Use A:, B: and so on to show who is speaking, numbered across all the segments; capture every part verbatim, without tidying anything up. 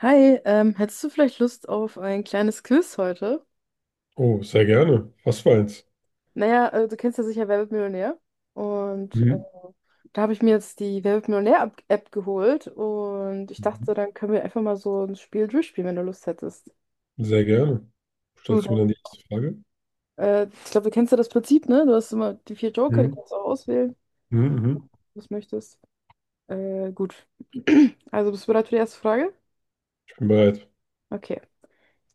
A: Hi, ähm, hättest du vielleicht Lust auf ein kleines Quiz heute?
B: Oh, sehr gerne. Was für eins?
A: Naja, äh, du kennst ja sicher Wer wird Millionär? Und äh,
B: Mhm.
A: da habe ich mir jetzt die Wer wird Millionär-App geholt und ich dachte, so,
B: Mhm.
A: dann können wir einfach mal so ein Spiel durchspielen, wenn du Lust hättest.
B: Sehr gerne.
A: Gut.
B: Stellst du mir dann die erste Frage?
A: Äh, ich glaube, du kennst ja das Prinzip, ne? Du hast immer die vier Joker, die
B: Mhm.
A: kannst du auch auswählen,
B: Mhm. Mhm.
A: was du möchtest. Äh, gut. Also bist du bereit für die erste Frage?
B: Ich bin bereit.
A: Okay.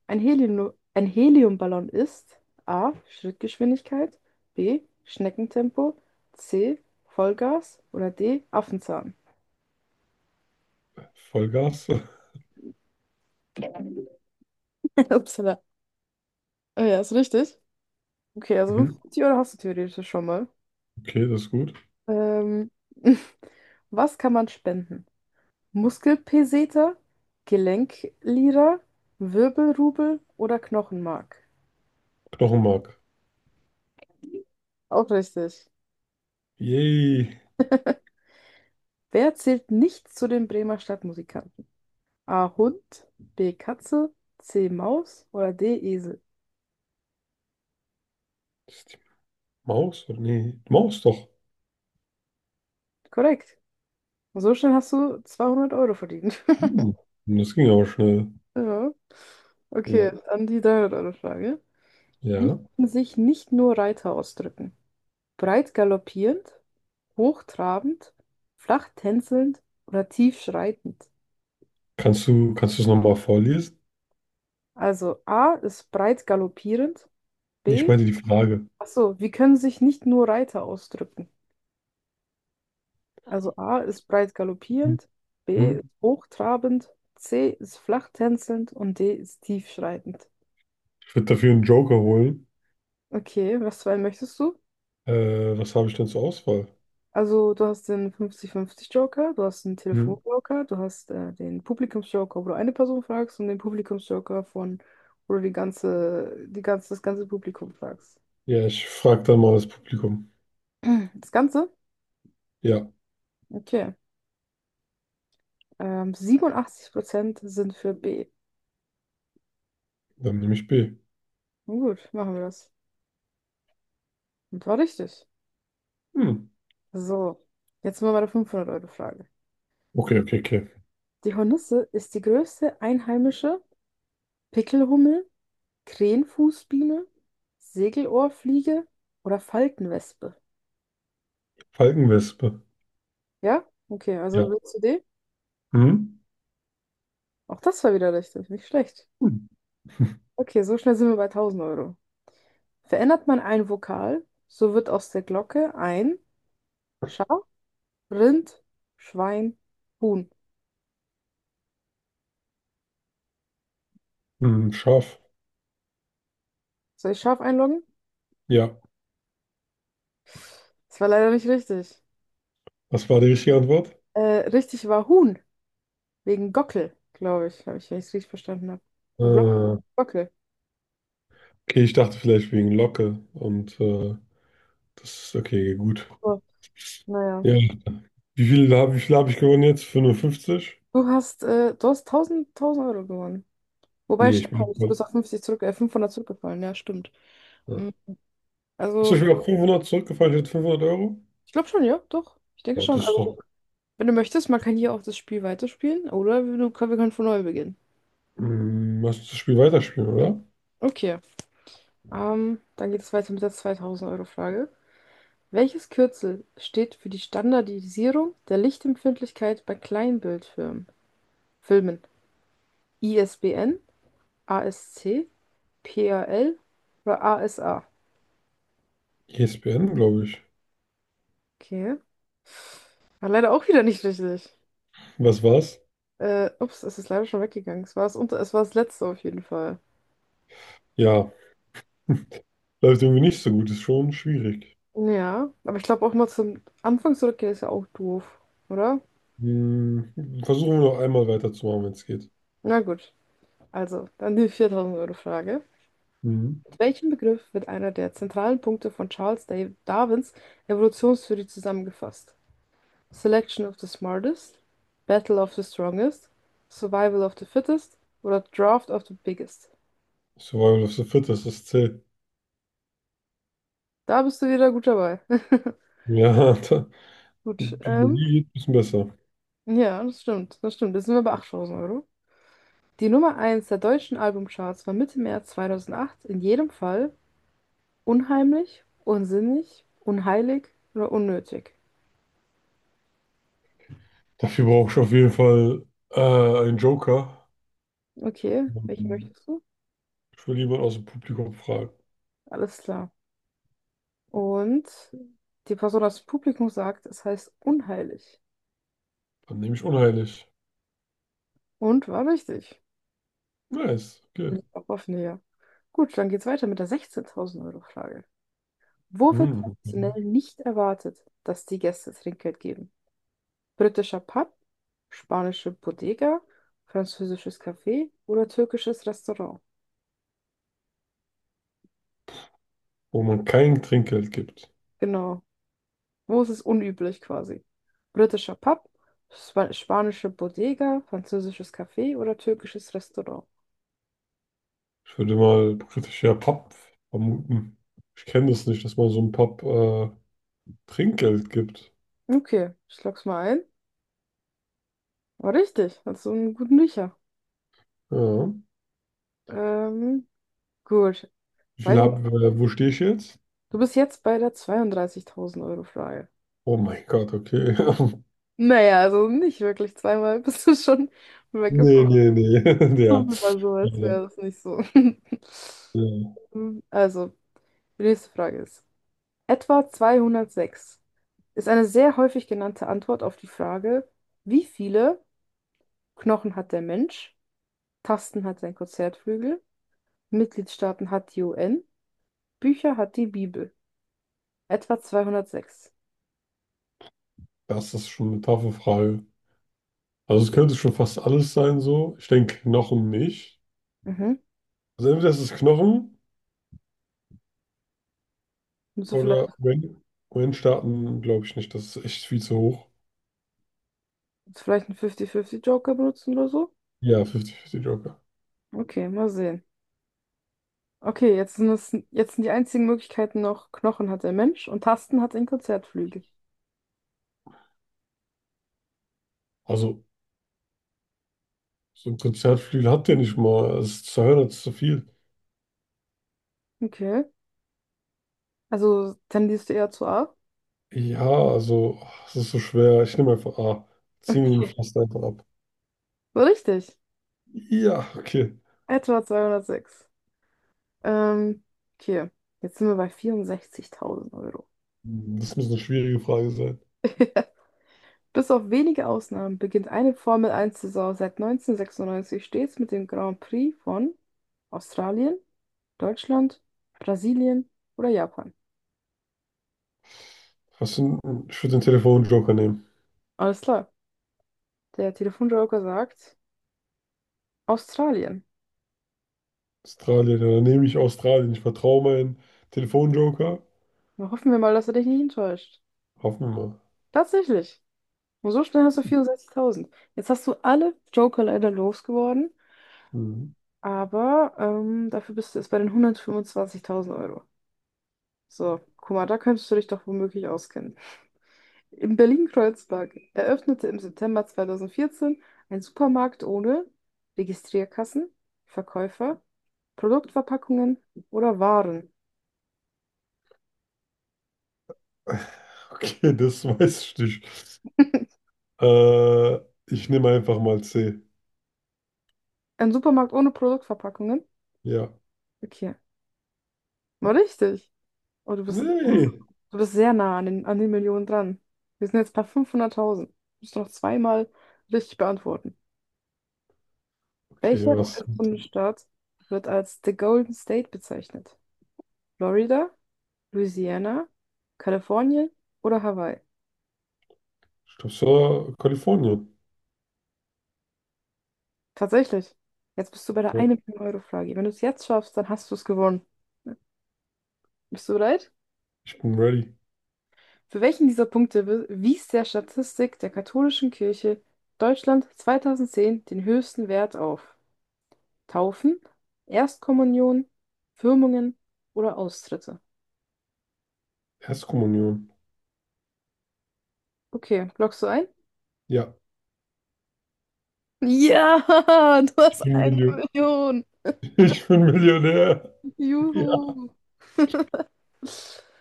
A: Ein Helium, ein Heliumballon ist A. Schrittgeschwindigkeit, B. Schneckentempo, C. Vollgas oder D. Affenzahn.
B: Vollgas.
A: Upsala. Ah, ja, ist richtig. Okay, also
B: Mhm.
A: fünfzig Euro hast du theoretisch schon mal.
B: Okay, das ist gut.
A: Ähm, was kann man spenden? Muskelpeseter, Gelenklira, Wirbelrubel oder Knochenmark?
B: Knochenmark.
A: Auch richtig.
B: Yay.
A: Wer zählt nicht zu den Bremer Stadtmusikern? A. Hund, B. Katze, C. Maus oder D. Esel.
B: Ist die Maus? Oder nee, die Maus doch.
A: Korrekt. Und so schnell hast du zweihundert Euro verdient.
B: Hm. Das ging aber schnell.
A: Ja.
B: Ja.
A: Okay, dann die dreihundert-Euro-Frage. Wie
B: Ja.
A: können sich nicht nur Reiter ausdrücken? Breit galoppierend, hochtrabend, flach tänzelnd oder tief schreitend?
B: Kannst du, kannst du es nochmal vorlesen?
A: Also A ist breit galoppierend,
B: Nee, ich
A: B.
B: meine die Frage.
A: Achso, wie können sich nicht nur Reiter ausdrücken? Also A ist breit
B: Mhm.
A: galoppierend, B
B: Mhm.
A: ist hochtrabend, C ist flach tänzelnd und D ist tiefschreitend.
B: Ich würde dafür einen Joker holen.
A: Okay, was für einen möchtest du?
B: Äh, was habe ich denn zur Auswahl?
A: Also du hast den fünfzig fünfzig-Joker, du hast den
B: Mhm.
A: Telefon-Joker, du hast äh, den Publikums-Joker, wo du eine Person fragst und den Publikums-Joker von, wo du die ganze, die ganze, das ganze Publikum fragst.
B: Ja, ich frage dann mal das Publikum.
A: Das Ganze?
B: Ja,
A: Okay. Ähm, siebenundachtzig Prozent sind für B.
B: dann nehme ich B.
A: Nun gut, machen wir das. Und war richtig.
B: Hm.
A: So, jetzt mal meine fünfhundert-Euro-Frage.
B: Okay, okay, okay.
A: Die Hornisse ist die größte einheimische Pickelhummel, Krähenfußbiene, Segelohrfliege oder Faltenwespe.
B: Falkenwespe.
A: Ja? Okay, also
B: Ja.
A: willst du den?
B: Hm?
A: Auch das war wieder richtig, nicht schlecht.
B: Hm.
A: Okay, so schnell sind wir bei tausend Euro. Verändert man ein Vokal, so wird aus der Glocke ein Schaf, Rind, Schwein, Huhn.
B: Hm, scharf.
A: Soll ich Schaf einloggen?
B: Ja.
A: Das war leider nicht richtig.
B: Was war die richtige Antwort?
A: Äh, Richtig war Huhn, wegen Gockel, glaube ich, habe ich, wenn ich es richtig verstanden habe.
B: Äh,
A: Und Glocke,
B: okay,
A: Gockel.
B: ich dachte vielleicht wegen Locke und äh, das ist okay, gut.
A: So, naja.
B: Ja. Wie viel habe wie viel hab ich gewonnen jetzt? fünfundfünfzig?
A: Du hast, äh, du hast tausend, tausend Euro gewonnen. Wobei,
B: Nee, ich
A: stimmt, gar
B: bin.
A: nicht, du bist auf fünfzig zurück, äh, fünfhundert zurückgefallen, ja, stimmt.
B: Ja.
A: Mhm.
B: Achso,
A: Also,
B: ich bin auf fünfhundert zurückgefallen. Ich hätte fünfhundert Euro.
A: ich glaube schon, ja, doch. Ich denke
B: Oh,
A: schon.
B: das ist
A: Also,
B: doch.
A: wenn du möchtest, man kann hier auch das Spiel weiterspielen oder wir, du, wir können von neu beginnen.
B: Hm, lass uns das Spiel weiterspielen, oder?
A: Okay, ähm, dann geht es weiter mit der zweitausend Euro Frage. Welches Kürzel steht für die Standardisierung der Lichtempfindlichkeit bei Kleinbildfilmen? Filmen. ISBN, ASC, PAL oder ASA?
B: E S P N, glaube ich.
A: Okay. War leider auch wieder nicht richtig.
B: Was war's?
A: Äh, ups, es ist leider schon weggegangen. Es war das, unter, es war das letzte auf jeden Fall.
B: Ja, läuft irgendwie nicht so gut. Ist schon schwierig.
A: Ja, aber ich glaube auch mal zum Anfang zurückgehen ist ja auch doof, oder?
B: Hm, versuchen wir noch einmal weiterzumachen, wenn es geht.
A: Na gut, also dann die viertausend-Euro-Frage.
B: Mhm.
A: Mit welchem Begriff wird einer der zentralen Punkte von Charles Da- Darwins Evolutionstheorie zusammengefasst? Selection of the smartest, Battle of the strongest, Survival of the fittest oder Draft of the biggest?
B: Survival of the Fittest, das zählt.
A: Da bist du wieder gut dabei.
B: Ja, da,
A: Gut, ähm,
B: Biologie geht ein bisschen besser.
A: ja, das stimmt, das stimmt. Jetzt sind wir bei achttausend Euro. Die Nummer eins der deutschen Albumcharts war Mitte März zweitausendacht in jedem Fall unheimlich, unsinnig, unheilig oder unnötig.
B: Dafür brauche ich auf jeden Fall äh, einen Joker.
A: Okay, welchen
B: Mhm.
A: möchtest du?
B: Ich will jemanden aus dem Publikum fragen.
A: Alles klar. Und die Person aus dem Publikum sagt, es heißt unheilig.
B: Dann nehme ich unheilig.
A: Und war richtig.
B: Nice, okay.
A: Liegt auch auf näher. Gut, dann geht's weiter mit der sechzehntausend Euro Frage. Wo wird
B: Hm.
A: traditionell nicht erwartet, dass die Gäste Trinkgeld geben? Britischer Pub, spanische Bodega, französisches Café oder türkisches Restaurant.
B: Wo man kein Trinkgeld gibt.
A: Genau. Wo ist es unüblich quasi? Britischer Pub, spa spanische Bodega, französisches Café oder türkisches Restaurant.
B: Ich würde mal kritisch ja Pub vermuten. Ich kenne das nicht, dass man so einem Pub äh, Trinkgeld gibt.
A: Okay, ich log's mal ein. War richtig, hast du einen guten Riecher.
B: Ja.
A: Ähm, gut.
B: Wie viel
A: Weiter.
B: hab, äh, wo stehe ich jetzt?
A: Du bist jetzt bei der zweiunddreißigtausend Euro Frage.
B: Oh mein Gott, okay.
A: Naja, also nicht wirklich zweimal bist du schon weggeflogen.
B: Nee, nee, nee. Ja.
A: Aber so, als
B: Ja,
A: wäre das nicht so.
B: ja.
A: Hm, Also, die nächste Frage ist, etwa zweihundertsechs ist eine sehr häufig genannte Antwort auf die Frage, wie viele Knochen hat der Mensch, Tasten hat sein Konzertflügel, Mitgliedstaaten hat die U N, Bücher hat die Bibel. Etwa zweihundertsechs.
B: Das ist schon eine taffe Frage. Also es könnte schon fast alles sein so. Ich denke Knochen nicht.
A: Mhm.
B: Also entweder ist es Knochen
A: Musst du
B: oder
A: vielleicht,
B: wenn, wenn starten, glaube ich nicht. Das ist echt viel zu hoch.
A: vielleicht einen fünfzig fünfzig-Joker benutzen oder so?
B: Ja, fünfzig fünfzig Joker.
A: Okay, mal sehen. Okay, jetzt sind, es, jetzt sind die einzigen Möglichkeiten noch, Knochen hat der Mensch und Tasten hat ein Konzertflügel.
B: Also so ein Konzertflügel hat der nicht mal. Es ist zu hören, es ist zu viel.
A: Okay, also tendierst du eher zu A?
B: Ja, also es ist so schwer. Ich nehme einfach A. Zieh mir den
A: Okay.
B: Pflaster einfach ab.
A: So richtig.
B: Ja, okay.
A: Etwa zweihundertsechs. Ähm, okay. Jetzt sind wir bei vierundsechzigtausend Euro.
B: Das muss eine schwierige Frage.
A: Bis auf wenige Ausnahmen beginnt eine Formel eins Saison seit neunzehnhundertsechsundneunzig stets mit dem Grand Prix von Australien, Deutschland, Brasilien oder Japan.
B: Hast du, einen- ich würde den Telefonjoker nehmen.
A: Alles klar. Der Telefonjoker sagt Australien.
B: Australien, ja, dann nehme ich Australien. Ich vertraue meinen Telefonjoker.
A: Na, hoffen wir mal, dass er dich nicht enttäuscht.
B: Hoffen wir mal.
A: Tatsächlich. Und so schnell hast du vierundsechzigtausend. Jetzt hast du alle Joker leider losgeworden.
B: Mhm.
A: Aber ähm, dafür bist du jetzt bei den hundertfünfundzwanzigtausend Euro. So, guck mal, da könntest du dich doch womöglich auskennen. In Berlin-Kreuzberg eröffnete im September zweitausendvierzehn ein Supermarkt ohne Registrierkassen, Verkäufer, Produktverpackungen oder Waren.
B: Okay, das weiß ich nicht. Äh, Ich nehme einfach mal C.
A: Ein Supermarkt ohne Produktverpackungen?
B: Ja.
A: Okay, war richtig. Oh, du bist, du bist
B: Nee.
A: du bist sehr nah an den, an den Millionen dran. Wir sind jetzt bei fünfhunderttausend. Musst du noch zweimal richtig beantworten.
B: Okay,
A: Welcher
B: was?
A: U S-Bundesstaat wird als The Golden State bezeichnet? Florida, Louisiana, Kalifornien oder Hawaii?
B: Ich glaube, es war Kalifornien.
A: Tatsächlich. Jetzt bist du bei der
B: Ja,
A: ein-Euro-Frage. Wenn du es jetzt schaffst, dann hast du es gewonnen. Bist du bereit?
B: ich bin ready.
A: Für welchen dieser Punkte wi- wies der Statistik der katholischen Kirche Deutschland zweitausendzehn den höchsten Wert auf? Taufen, Erstkommunion, Firmungen oder Austritte?
B: Erstkommunion.
A: Okay, loggst du ein?
B: Ja,
A: Ja, du
B: ich
A: hast
B: bin
A: eine
B: Million.
A: Million.
B: Ich bin Millionär. Ja,
A: Juhu.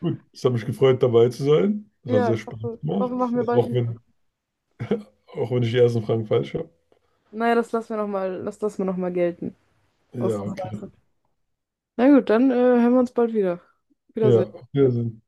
B: gut. Es hat mich gefreut, dabei zu sein. Es hat
A: Ja,
B: sehr
A: ich
B: Spaß
A: hoffe, hoffe,
B: gemacht.
A: machen wir bald
B: Auch
A: wieder.
B: wenn, auch wenn ich die ersten Fragen falsch habe.
A: Naja, das lassen wir nochmal, das lassen wir noch mal gelten.
B: Ja,
A: Ausnahmsweise.
B: okay.
A: Na gut, dann äh, hören wir uns bald wieder.
B: Ja,
A: Wiedersehen.
B: auf Wiedersehen.